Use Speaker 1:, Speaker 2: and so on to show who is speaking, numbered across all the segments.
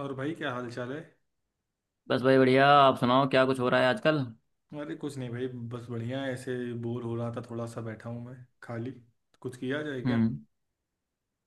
Speaker 1: और भाई क्या हाल चाल है।
Speaker 2: बस भाई बढ़िया। आप सुनाओ क्या कुछ हो रहा है आजकल।
Speaker 1: अरे कुछ नहीं भाई। बस बढ़िया है, ऐसे बोर हो रहा था, थोड़ा सा बैठा हूँ मैं खाली। कुछ किया जाए क्या।
Speaker 2: हम्म।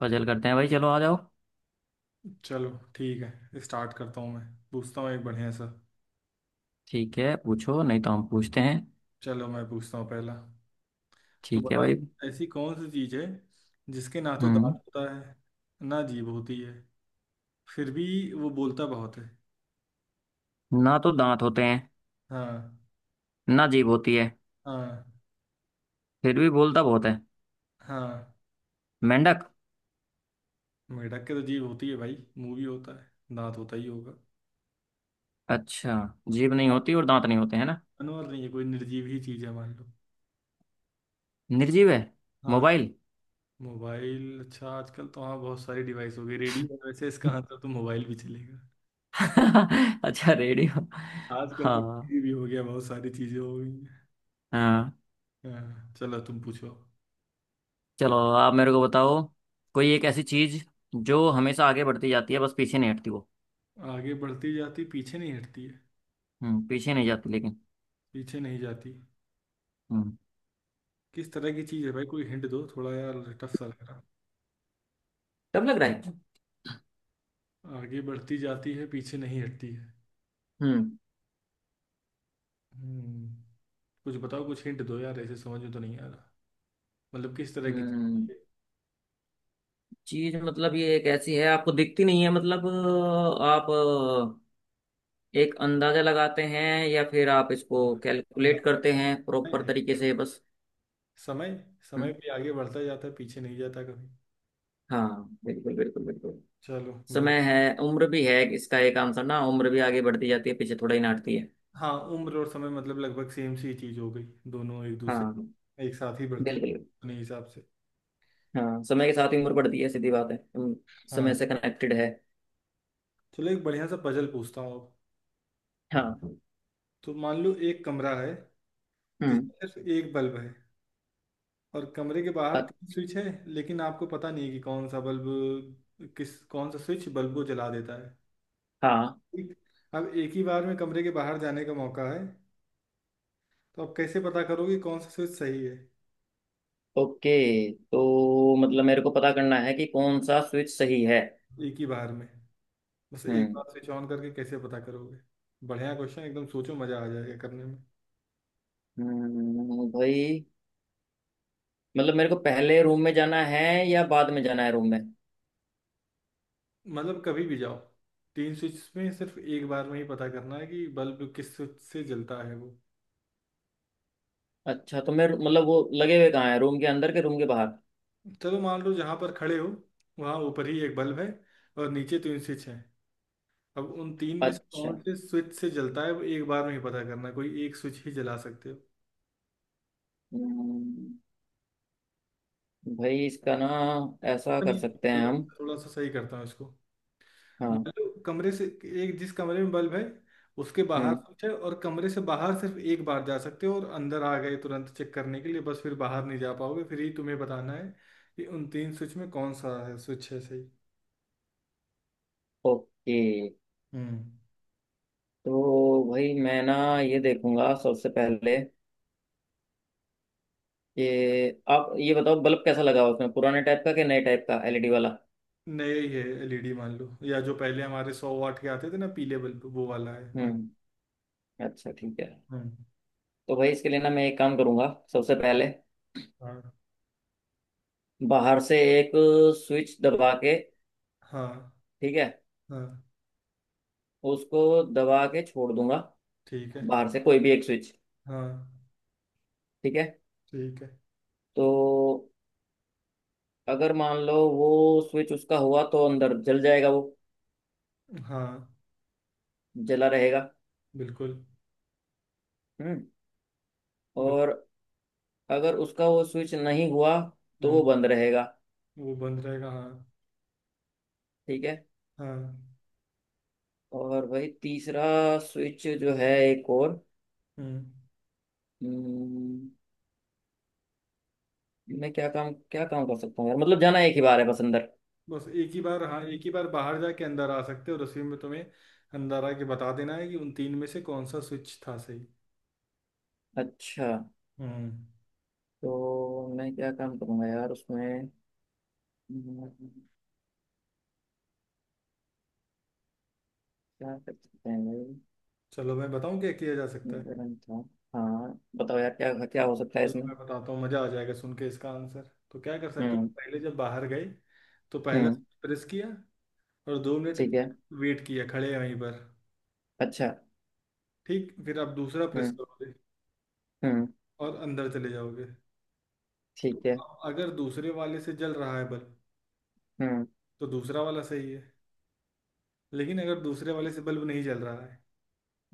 Speaker 2: पजल करते हैं भाई, चलो आ जाओ।
Speaker 1: चलो ठीक है, स्टार्ट करता हूँ। मैं पूछता हूँ एक बढ़िया सा।
Speaker 2: ठीक है पूछो, नहीं तो हम पूछते हैं।
Speaker 1: चलो मैं पूछता हूँ पहला। तो
Speaker 2: ठीक है
Speaker 1: बताओ,
Speaker 2: भाई।
Speaker 1: ऐसी कौन सी चीज़ है जिसके ना तो दांत
Speaker 2: हम्म।
Speaker 1: होता है, ना जीभ होती है, फिर भी वो बोलता बहुत है।
Speaker 2: ना तो दांत होते हैं,
Speaker 1: हाँ।
Speaker 2: ना जीभ होती है,
Speaker 1: हाँ।
Speaker 2: फिर भी बोलता बहुत है।
Speaker 1: हाँ।
Speaker 2: मेंढक।
Speaker 1: मेढक के तो जीभ होती है भाई, मुंह भी होता है, दांत होता ही होगा।
Speaker 2: अच्छा। जीभ नहीं होती और दांत नहीं होते हैं ना।
Speaker 1: जानवर नहीं है कोई, निर्जीव ही चीज़ है मान लो।
Speaker 2: निर्जीव है।
Speaker 1: हाँ।
Speaker 2: मोबाइल।
Speaker 1: मोबाइल, अच्छा आजकल तो हाँ बहुत सारी डिवाइस हो गई, रेडियो है, वैसे इसका आंसर तो मोबाइल भी चलेगा।
Speaker 2: अच्छा, रेडियो।
Speaker 1: आजकल तो
Speaker 2: हाँ।
Speaker 1: टीवी भी हो गया, बहुत सारी चीजें हो गई हैं।
Speaker 2: हाँ।
Speaker 1: हाँ चलो तुम पूछो।
Speaker 2: चलो, आप मेरे को बताओ। कोई एक ऐसी चीज जो हमेशा आगे बढ़ती जाती है, बस पीछे नहीं हटती वो।
Speaker 1: आगे बढ़ती जाती, पीछे नहीं हटती है।
Speaker 2: पीछे नहीं जाती लेकिन।
Speaker 1: पीछे नहीं जाती।
Speaker 2: हम्म।
Speaker 1: किस तरह की चीज़ है भाई, कोई हिंट दो थोड़ा यार, टफ सा लग रहा।
Speaker 2: डर लग रहा है।
Speaker 1: आगे बढ़ती जाती है, पीछे नहीं हटती है।
Speaker 2: हम्म।
Speaker 1: हम्म। कुछ बताओ, कुछ हिंट दो यार, ऐसे समझ में तो नहीं आ रहा। मतलब किस तरह की
Speaker 2: हम्म।
Speaker 1: चीज़ है?
Speaker 2: चीज मतलब ये एक ऐसी है, आपको दिखती नहीं है, मतलब आप एक अंदाजा लगाते हैं या फिर आप इसको
Speaker 1: हम
Speaker 2: कैलकुलेट
Speaker 1: जानते
Speaker 2: करते हैं प्रॉपर
Speaker 1: हैं।
Speaker 2: तरीके से, बस।
Speaker 1: समय। समय
Speaker 2: हम्म।
Speaker 1: भी आगे बढ़ता जाता है, पीछे नहीं जाता कभी।
Speaker 2: हाँ बिल्कुल बिल्कुल बिल्कुल।
Speaker 1: चलो बहुत।
Speaker 2: समय है, उम्र भी है, इसका एक आंसर ना उम्र भी आगे बढ़ती जाती है, पीछे थोड़ा ही नाटती है।
Speaker 1: हाँ उम्र और समय मतलब लगभग सेम सी चीज हो गई, दोनों एक दूसरे
Speaker 2: हाँ
Speaker 1: एक साथ ही बढ़ती
Speaker 2: बिल्कुल।
Speaker 1: अपने हिसाब से।
Speaker 2: हाँ, समय के साथ ही उम्र बढ़ती है, सीधी बात है। समय
Speaker 1: हाँ।
Speaker 2: से कनेक्टेड है।
Speaker 1: चलो एक बढ़िया सा पजल पूछता हूँ अब।
Speaker 2: हाँ।
Speaker 1: तो मान लो एक कमरा है
Speaker 2: हम्म।
Speaker 1: जिसमें सिर्फ एक बल्ब है, और कमरे के बाहर
Speaker 2: अ-
Speaker 1: तीन स्विच है। लेकिन आपको पता नहीं है कि कौन सा बल्ब किस कौन सा स्विच बल्ब को जला देता है।
Speaker 2: हाँ।
Speaker 1: ठीक। अब एक ही बार में कमरे के बाहर जाने का मौका है। तो आप कैसे पता करोगे कौन सा स्विच सही है।
Speaker 2: ओके, तो मतलब मेरे को पता करना है कि कौन सा स्विच सही है।
Speaker 1: एक ही बार में। बस एक
Speaker 2: हम्म।
Speaker 1: बार स्विच ऑन करके कैसे पता करोगे। बढ़िया क्वेश्चन एकदम, सोचो मजा आ जाएगा करने में।
Speaker 2: भाई मतलब मेरे को पहले रूम में जाना है या बाद में जाना है रूम में।
Speaker 1: मतलब कभी भी जाओ। तीन स्विच में सिर्फ एक बार में ही पता करना है कि बल्ब किस स्विच से जलता है वो।
Speaker 2: अच्छा, तो मैं मतलब वो लगे हुए कहाँ है, रूम के अंदर के रूम के बाहर।
Speaker 1: चलो मान लो जहाँ पर खड़े हो वहाँ ऊपर ही एक बल्ब है और नीचे तीन स्विच हैं। अब उन तीन में से
Speaker 2: अच्छा।
Speaker 1: कौन से स्विच से जलता है वो एक बार में ही पता करना है, कोई एक स्विच ही जला सकते हो।
Speaker 2: हम्म, भाई इसका ना ऐसा कर
Speaker 1: नहीं नहीं,
Speaker 2: सकते हैं
Speaker 1: चलो
Speaker 2: हम।
Speaker 1: थोड़ा सा सही करता हूँ इसको।
Speaker 2: हाँ।
Speaker 1: मान लो कमरे से, एक जिस कमरे में बल्ब है उसके बाहर
Speaker 2: हम्म।
Speaker 1: स्विच है, और कमरे से बाहर सिर्फ एक बार जा सकते हो और अंदर आ गए तुरंत चेक करने के लिए, बस फिर बाहर नहीं जा पाओगे, फिर ही तुम्हें बताना है कि उन तीन स्विच में कौन सा है स्विच है सही।
Speaker 2: ओके,
Speaker 1: हम्म।
Speaker 2: तो भाई मैं ना ये देखूंगा सबसे पहले कि आप ये बताओ बल्ब कैसा लगा हुआ है उसमें, पुराने टाइप का कि नए टाइप का एलईडी वाला।
Speaker 1: नया ही है एलईडी मान लो, या जो पहले हमारे 100 वाट के आते थे ना, पीले बल्ब, वो वाला है मान
Speaker 2: हम्म। अच्छा, ठीक है।
Speaker 1: लो। हम्म।
Speaker 2: तो भाई, इसके लिए ना मैं एक काम करूंगा सबसे पहले,
Speaker 1: हाँ।
Speaker 2: बाहर से एक स्विच दबा के।
Speaker 1: हाँ।
Speaker 2: ठीक है।
Speaker 1: हाँ।
Speaker 2: उसको दबा के छोड़ दूंगा,
Speaker 1: ठीक है।
Speaker 2: बाहर से कोई भी एक स्विच।
Speaker 1: हाँ।
Speaker 2: ठीक है।
Speaker 1: ठीक है।
Speaker 2: तो अगर मान लो वो स्विच उसका हुआ तो अंदर जल जाएगा वो।
Speaker 1: हाँ
Speaker 2: जला रहेगा।
Speaker 1: बिल्कुल
Speaker 2: हम्म।
Speaker 1: बिल्कुल।
Speaker 2: और अगर उसका वो स्विच नहीं हुआ तो
Speaker 1: हम्म,
Speaker 2: वो बंद रहेगा।
Speaker 1: वो बंद रहेगा हाँ।
Speaker 2: ठीक है।
Speaker 1: हाँ।
Speaker 2: और भाई, तीसरा स्विच जो है एक और।
Speaker 1: हम्म।
Speaker 2: हम्म, मैं क्या काम कर सकता हूँ यार, मतलब जाना एक ही बार है बस अंदर।
Speaker 1: बस एक ही बार, हाँ एक ही बार बाहर जाके अंदर आ सकते हो और उसी में तुम्हें अंदर आके बता देना है कि उन तीन में से कौन सा स्विच था सही।
Speaker 2: अच्छा,
Speaker 1: हम्म।
Speaker 2: तो मैं क्या काम करूँगा यार उसमें। हम्म, क्या कर सकते हैं भाई।
Speaker 1: चलो मैं बताऊं क्या किया जा सकता
Speaker 2: एक
Speaker 1: है।
Speaker 2: गरम था। हाँ बताओ यार, क्या क्या हो सकता है
Speaker 1: चलो
Speaker 2: इसमें।
Speaker 1: मैं बताता हूँ मजा आ जाएगा सुन के, इसका आंसर तो क्या कर सकते हो,
Speaker 2: हम्म।
Speaker 1: पहले जब बाहर गए तो पहला
Speaker 2: हम्म।
Speaker 1: प्रेस किया और 2 मिनट
Speaker 2: ठीक है।
Speaker 1: तक वेट किया खड़े वहीं पर।
Speaker 2: अच्छा।
Speaker 1: ठीक, फिर आप दूसरा प्रेस
Speaker 2: हम्म।
Speaker 1: करोगे
Speaker 2: हम्म।
Speaker 1: और अंदर चले जाओगे। तो
Speaker 2: ठीक है।
Speaker 1: अब अगर दूसरे वाले से जल रहा है बल्ब
Speaker 2: हम्म।
Speaker 1: तो दूसरा वाला सही है। लेकिन अगर दूसरे वाले से बल्ब नहीं जल रहा है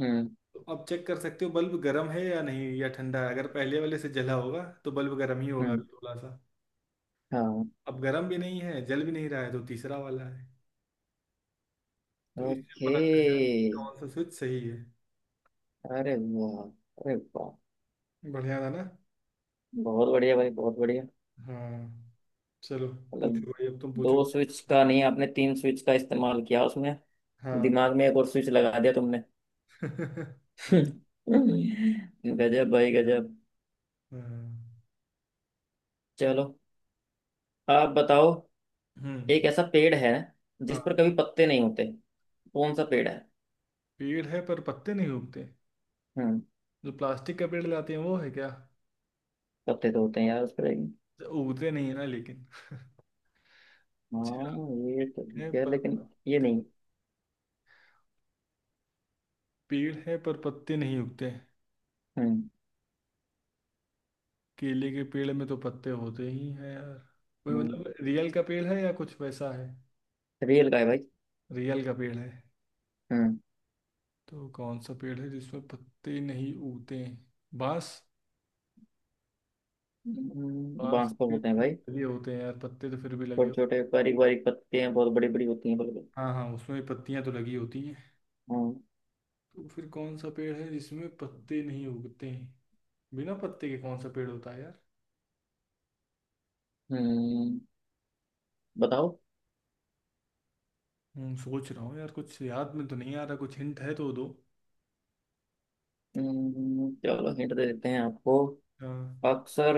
Speaker 2: हम्म।
Speaker 1: तो आप चेक कर सकते हो बल्ब गर्म है या नहीं, या ठंडा है, अगर पहले वाले से जला होगा तो बल्ब गर्म ही होगा
Speaker 2: हम्म।
Speaker 1: अभी थोड़ा सा।
Speaker 2: हाँ।
Speaker 1: अब गर्म भी नहीं है, जल भी नहीं रहा है, तो तीसरा वाला है। तो इससे
Speaker 2: ओके।
Speaker 1: पता चल जाए कि कौन सा स्विच सही है।
Speaker 2: अरे वाह, अरे वाह।
Speaker 1: बढ़िया था ना।
Speaker 2: बहुत बढ़िया भाई, बहुत बढ़िया।
Speaker 1: हाँ। चलो
Speaker 2: मतलब
Speaker 1: पूछो भाई, अब तुम पूछो।
Speaker 2: दो स्विच का नहीं, आपने तीन स्विच का इस्तेमाल किया उसमें।
Speaker 1: हाँ
Speaker 2: दिमाग में एक और स्विच लगा दिया तुमने।
Speaker 1: हाँ।
Speaker 2: हम्म। गजब भाई, गजब। चलो, आप बताओ।
Speaker 1: हम्म।
Speaker 2: एक ऐसा पेड़ है जिस
Speaker 1: हाँ
Speaker 2: पर कभी पत्ते नहीं होते। कौन सा पेड़ है।
Speaker 1: पेड़ है पर पत्ते नहीं उगते,
Speaker 2: हम्म।
Speaker 1: जो प्लास्टिक का पेड़ लाते हैं वो है क्या।
Speaker 2: पत्ते तो होते हैं यार उस पर, लेकिन।
Speaker 1: जो उगते नहीं है ना लेकिन अच्छा,
Speaker 2: हाँ ये तो
Speaker 1: है
Speaker 2: ठीक है,
Speaker 1: पर
Speaker 2: लेकिन ये
Speaker 1: पत्ते-
Speaker 2: नहीं।
Speaker 1: पेड़ है पर पत्ते नहीं उगते।
Speaker 2: हम्म।
Speaker 1: केले के पेड़ में तो पत्ते होते ही हैं यार। कोई
Speaker 2: हम्म
Speaker 1: मतलब रियल का पेड़ है या कुछ वैसा है।
Speaker 2: रेल का है भाई।
Speaker 1: रियल का पेड़ है।
Speaker 2: हम्म।
Speaker 1: तो कौन सा पेड़ है जिसमें पत्ते नहीं उगते हैं, बांस। बांस
Speaker 2: बांस पर
Speaker 1: के
Speaker 2: होते हैं
Speaker 1: पेड़ में
Speaker 2: भाई।
Speaker 1: लगे होते हैं यार पत्ते, तो फिर भी लगे
Speaker 2: छोटे
Speaker 1: होते
Speaker 2: छोटे बारीक बारीक पत्ते हैं, बहुत बड़ी बड़ी होती हैं बिल्कुल।
Speaker 1: हैं। हाँ हाँ, उसमें पत्तियां तो लगी होती हैं।
Speaker 2: हम्म।
Speaker 1: तो फिर कौन सा पेड़ है जिसमें पत्ते नहीं उगते हैं, बिना पत्ते के कौन सा पेड़ होता है यार।
Speaker 2: हम्म। बताओ।
Speaker 1: सोच रहा हूँ यार, कुछ याद में तो नहीं आ रहा, कुछ हिंट है तो दो।
Speaker 2: चलो हिंट दे देते हैं आपको।
Speaker 1: हाँ।
Speaker 2: अक्सर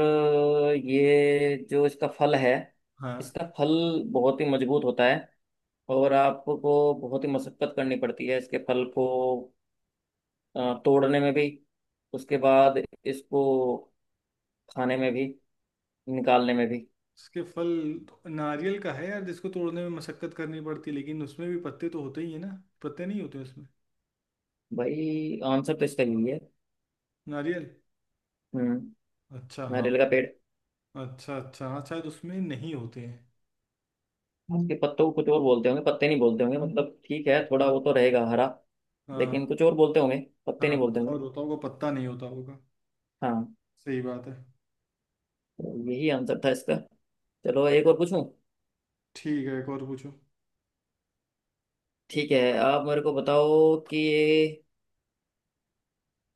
Speaker 2: ये जो इसका फल है,
Speaker 1: हाँ।
Speaker 2: इसका फल बहुत ही मजबूत होता है और आपको बहुत ही मशक्कत करनी पड़ती है इसके फल को तोड़ने में भी, उसके बाद इसको खाने में भी, निकालने में भी।
Speaker 1: उसके फल, नारियल का है यार जिसको तोड़ने में मशक्कत करनी पड़ती है, लेकिन उसमें भी पत्ते तो होते ही है ना, पत्ते नहीं होते उसमें।
Speaker 2: भाई, आंसर तो इसका यही है।
Speaker 1: नारियल।
Speaker 2: हम्म।
Speaker 1: अच्छा हाँ।
Speaker 2: नारियल का पेड़।
Speaker 1: अच्छा अच्छा हाँ, शायद उसमें नहीं होते हैं।
Speaker 2: इसके पत्तों को कुछ और बोलते होंगे, पत्ते नहीं बोलते होंगे, मतलब ठीक है थोड़ा,
Speaker 1: हाँ।
Speaker 2: वो तो रहेगा हरा
Speaker 1: हाँ।
Speaker 2: लेकिन कुछ और बोलते होंगे, पत्ते नहीं
Speaker 1: हाँ कुछ
Speaker 2: बोलते होंगे।
Speaker 1: और होता होगा, पत्ता नहीं होता होगा।
Speaker 2: हाँ।
Speaker 1: सही बात है।
Speaker 2: तो यही आंसर था इसका। चलो एक और पूछूं।
Speaker 1: ठीक है एक और पूछो।
Speaker 2: ठीक है, आप मेरे को बताओ कि ये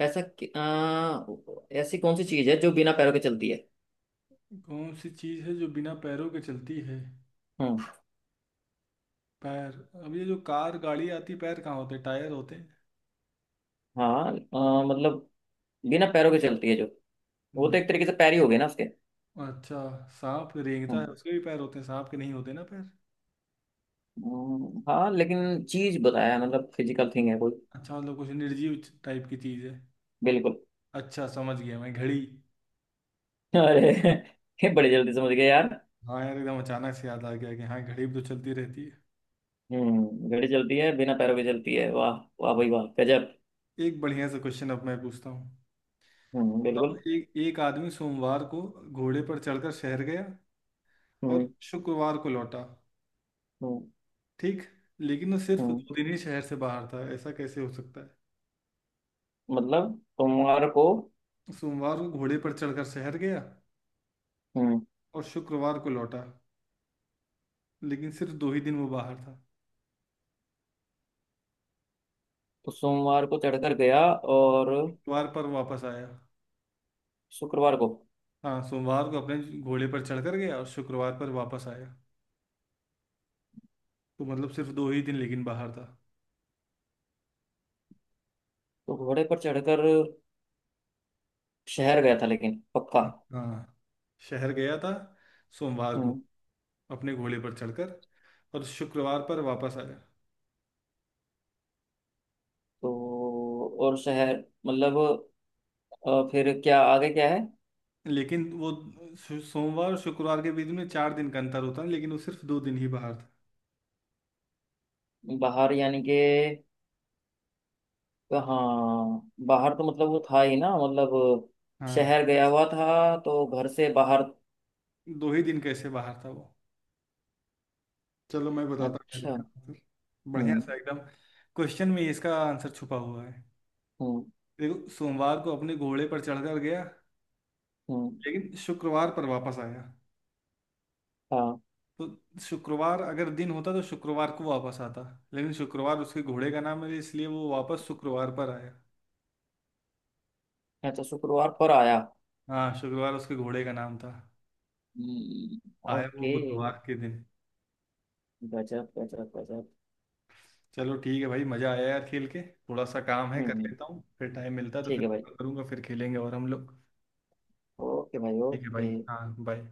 Speaker 2: ऐसा कि- आ, ऐसी कौन सी चीज है जो बिना पैरों के चलती है।
Speaker 1: कौन सी चीज़ है जो बिना पैरों के चलती है,
Speaker 2: हम्म।
Speaker 1: पैर, अब ये जो कार गाड़ी आती है पैर कहाँ होते हैं, टायर होते हैं।
Speaker 2: हाँ, मतलब बिना पैरों के चलती है जो वो तो
Speaker 1: ब-
Speaker 2: एक तरीके से पैर ही हो गए ना उसके।
Speaker 1: अच्छा सांप रेंगता है
Speaker 2: हम्म।
Speaker 1: उसके भी पैर होते हैं, सांप के नहीं होते ना पैर।
Speaker 2: हाँ लेकिन चीज बताया मतलब फिजिकल थिंग है कोई।
Speaker 1: अच्छा मतलब कुछ निर्जीव टाइप की चीज़ है।
Speaker 2: बिल्कुल।
Speaker 1: अच्छा समझ गया मैं, घड़ी।
Speaker 2: अरे ये बड़ी जल्दी समझ गए यार।
Speaker 1: हाँ यार, एकदम अचानक से याद आ गया कि हाँ घड़ी भी तो चलती रहती है।
Speaker 2: घड़ी चलती है, बिना पैरों के चलती है। वाह। वाह भाई, वाह गजब।
Speaker 1: एक बढ़िया सा क्वेश्चन अब मैं पूछता हूँ। बताओ,
Speaker 2: बिल्कुल।
Speaker 1: एक एक आदमी सोमवार को घोड़े पर चढ़कर शहर गया और
Speaker 2: हम्म।
Speaker 1: शुक्रवार को लौटा।
Speaker 2: हम्म।
Speaker 1: ठीक। लेकिन वो सिर्फ
Speaker 2: हम्म।
Speaker 1: 2 दिन ही शहर से बाहर था, ऐसा कैसे हो सकता है।
Speaker 2: मतलब तुम्हारे को।
Speaker 1: सोमवार को घोड़े पर चढ़कर शहर गया
Speaker 2: हम्म,
Speaker 1: और शुक्रवार को लौटा, लेकिन सिर्फ दो ही दिन वो बाहर था।
Speaker 2: तो सोमवार को चढ़कर गया और
Speaker 1: शुक्रवार पर वापस आया।
Speaker 2: शुक्रवार को।
Speaker 1: हाँ सोमवार को अपने घोड़े पर चढ़कर गया और शुक्रवार पर वापस आया, तो मतलब सिर्फ दो ही दिन लेकिन बाहर था।
Speaker 2: तो घोड़े पर चढ़कर शहर गया था, लेकिन पक्का।
Speaker 1: हाँ शहर गया था सोमवार को
Speaker 2: हम्म।
Speaker 1: अपने घोड़े पर चढ़कर और शुक्रवार पर वापस आया।
Speaker 2: तो और शहर, मतलब फिर क्या, आगे क्या है।
Speaker 1: लेकिन वो सोमवार और शुक्रवार के बीच में 4 दिन का अंतर होता है, लेकिन वो सिर्फ दो दिन ही बाहर था।
Speaker 2: बाहर यानी कि हाँ, बाहर तो मतलब वो था ही ना, मतलब
Speaker 1: हाँ
Speaker 2: शहर गया हुआ था तो घर से बाहर।
Speaker 1: दो ही दिन कैसे बाहर था वो। चलो मैं बताता हूँ यार
Speaker 2: अच्छा।
Speaker 1: इसका आंसर, बढ़िया
Speaker 2: हम्म।
Speaker 1: सा एकदम, क्वेश्चन में ही इसका आंसर छुपा हुआ है।
Speaker 2: हम्म।
Speaker 1: देखो, सोमवार को अपने घोड़े पर चढ़कर गया
Speaker 2: हम्म।
Speaker 1: लेकिन शुक्रवार पर वापस आया,
Speaker 2: हाँ।
Speaker 1: तो शुक्रवार अगर दिन होता तो शुक्रवार को वापस आता, लेकिन शुक्रवार उसके घोड़े का नाम है, इसलिए वो वापस शुक्रवार पर आया।
Speaker 2: अच्छा, शुक्रवार पर आया।
Speaker 1: हाँ शुक्रवार उसके घोड़े का नाम था।
Speaker 2: हम्म,
Speaker 1: आया वो
Speaker 2: ओके।
Speaker 1: बुधवार के दिन।
Speaker 2: गजब गजब गजब।
Speaker 1: चलो ठीक है भाई, मजा आया यार खेल के। थोड़ा सा काम है कर
Speaker 2: हम्म।
Speaker 1: लेता हूँ, फिर टाइम मिलता है तो
Speaker 2: ठीक
Speaker 1: फिर
Speaker 2: है भाई।
Speaker 1: कॉल करूंगा, फिर खेलेंगे और हम लोग।
Speaker 2: ओके भाई,
Speaker 1: ठीक है
Speaker 2: ओके।
Speaker 1: भाई। हाँ बाय।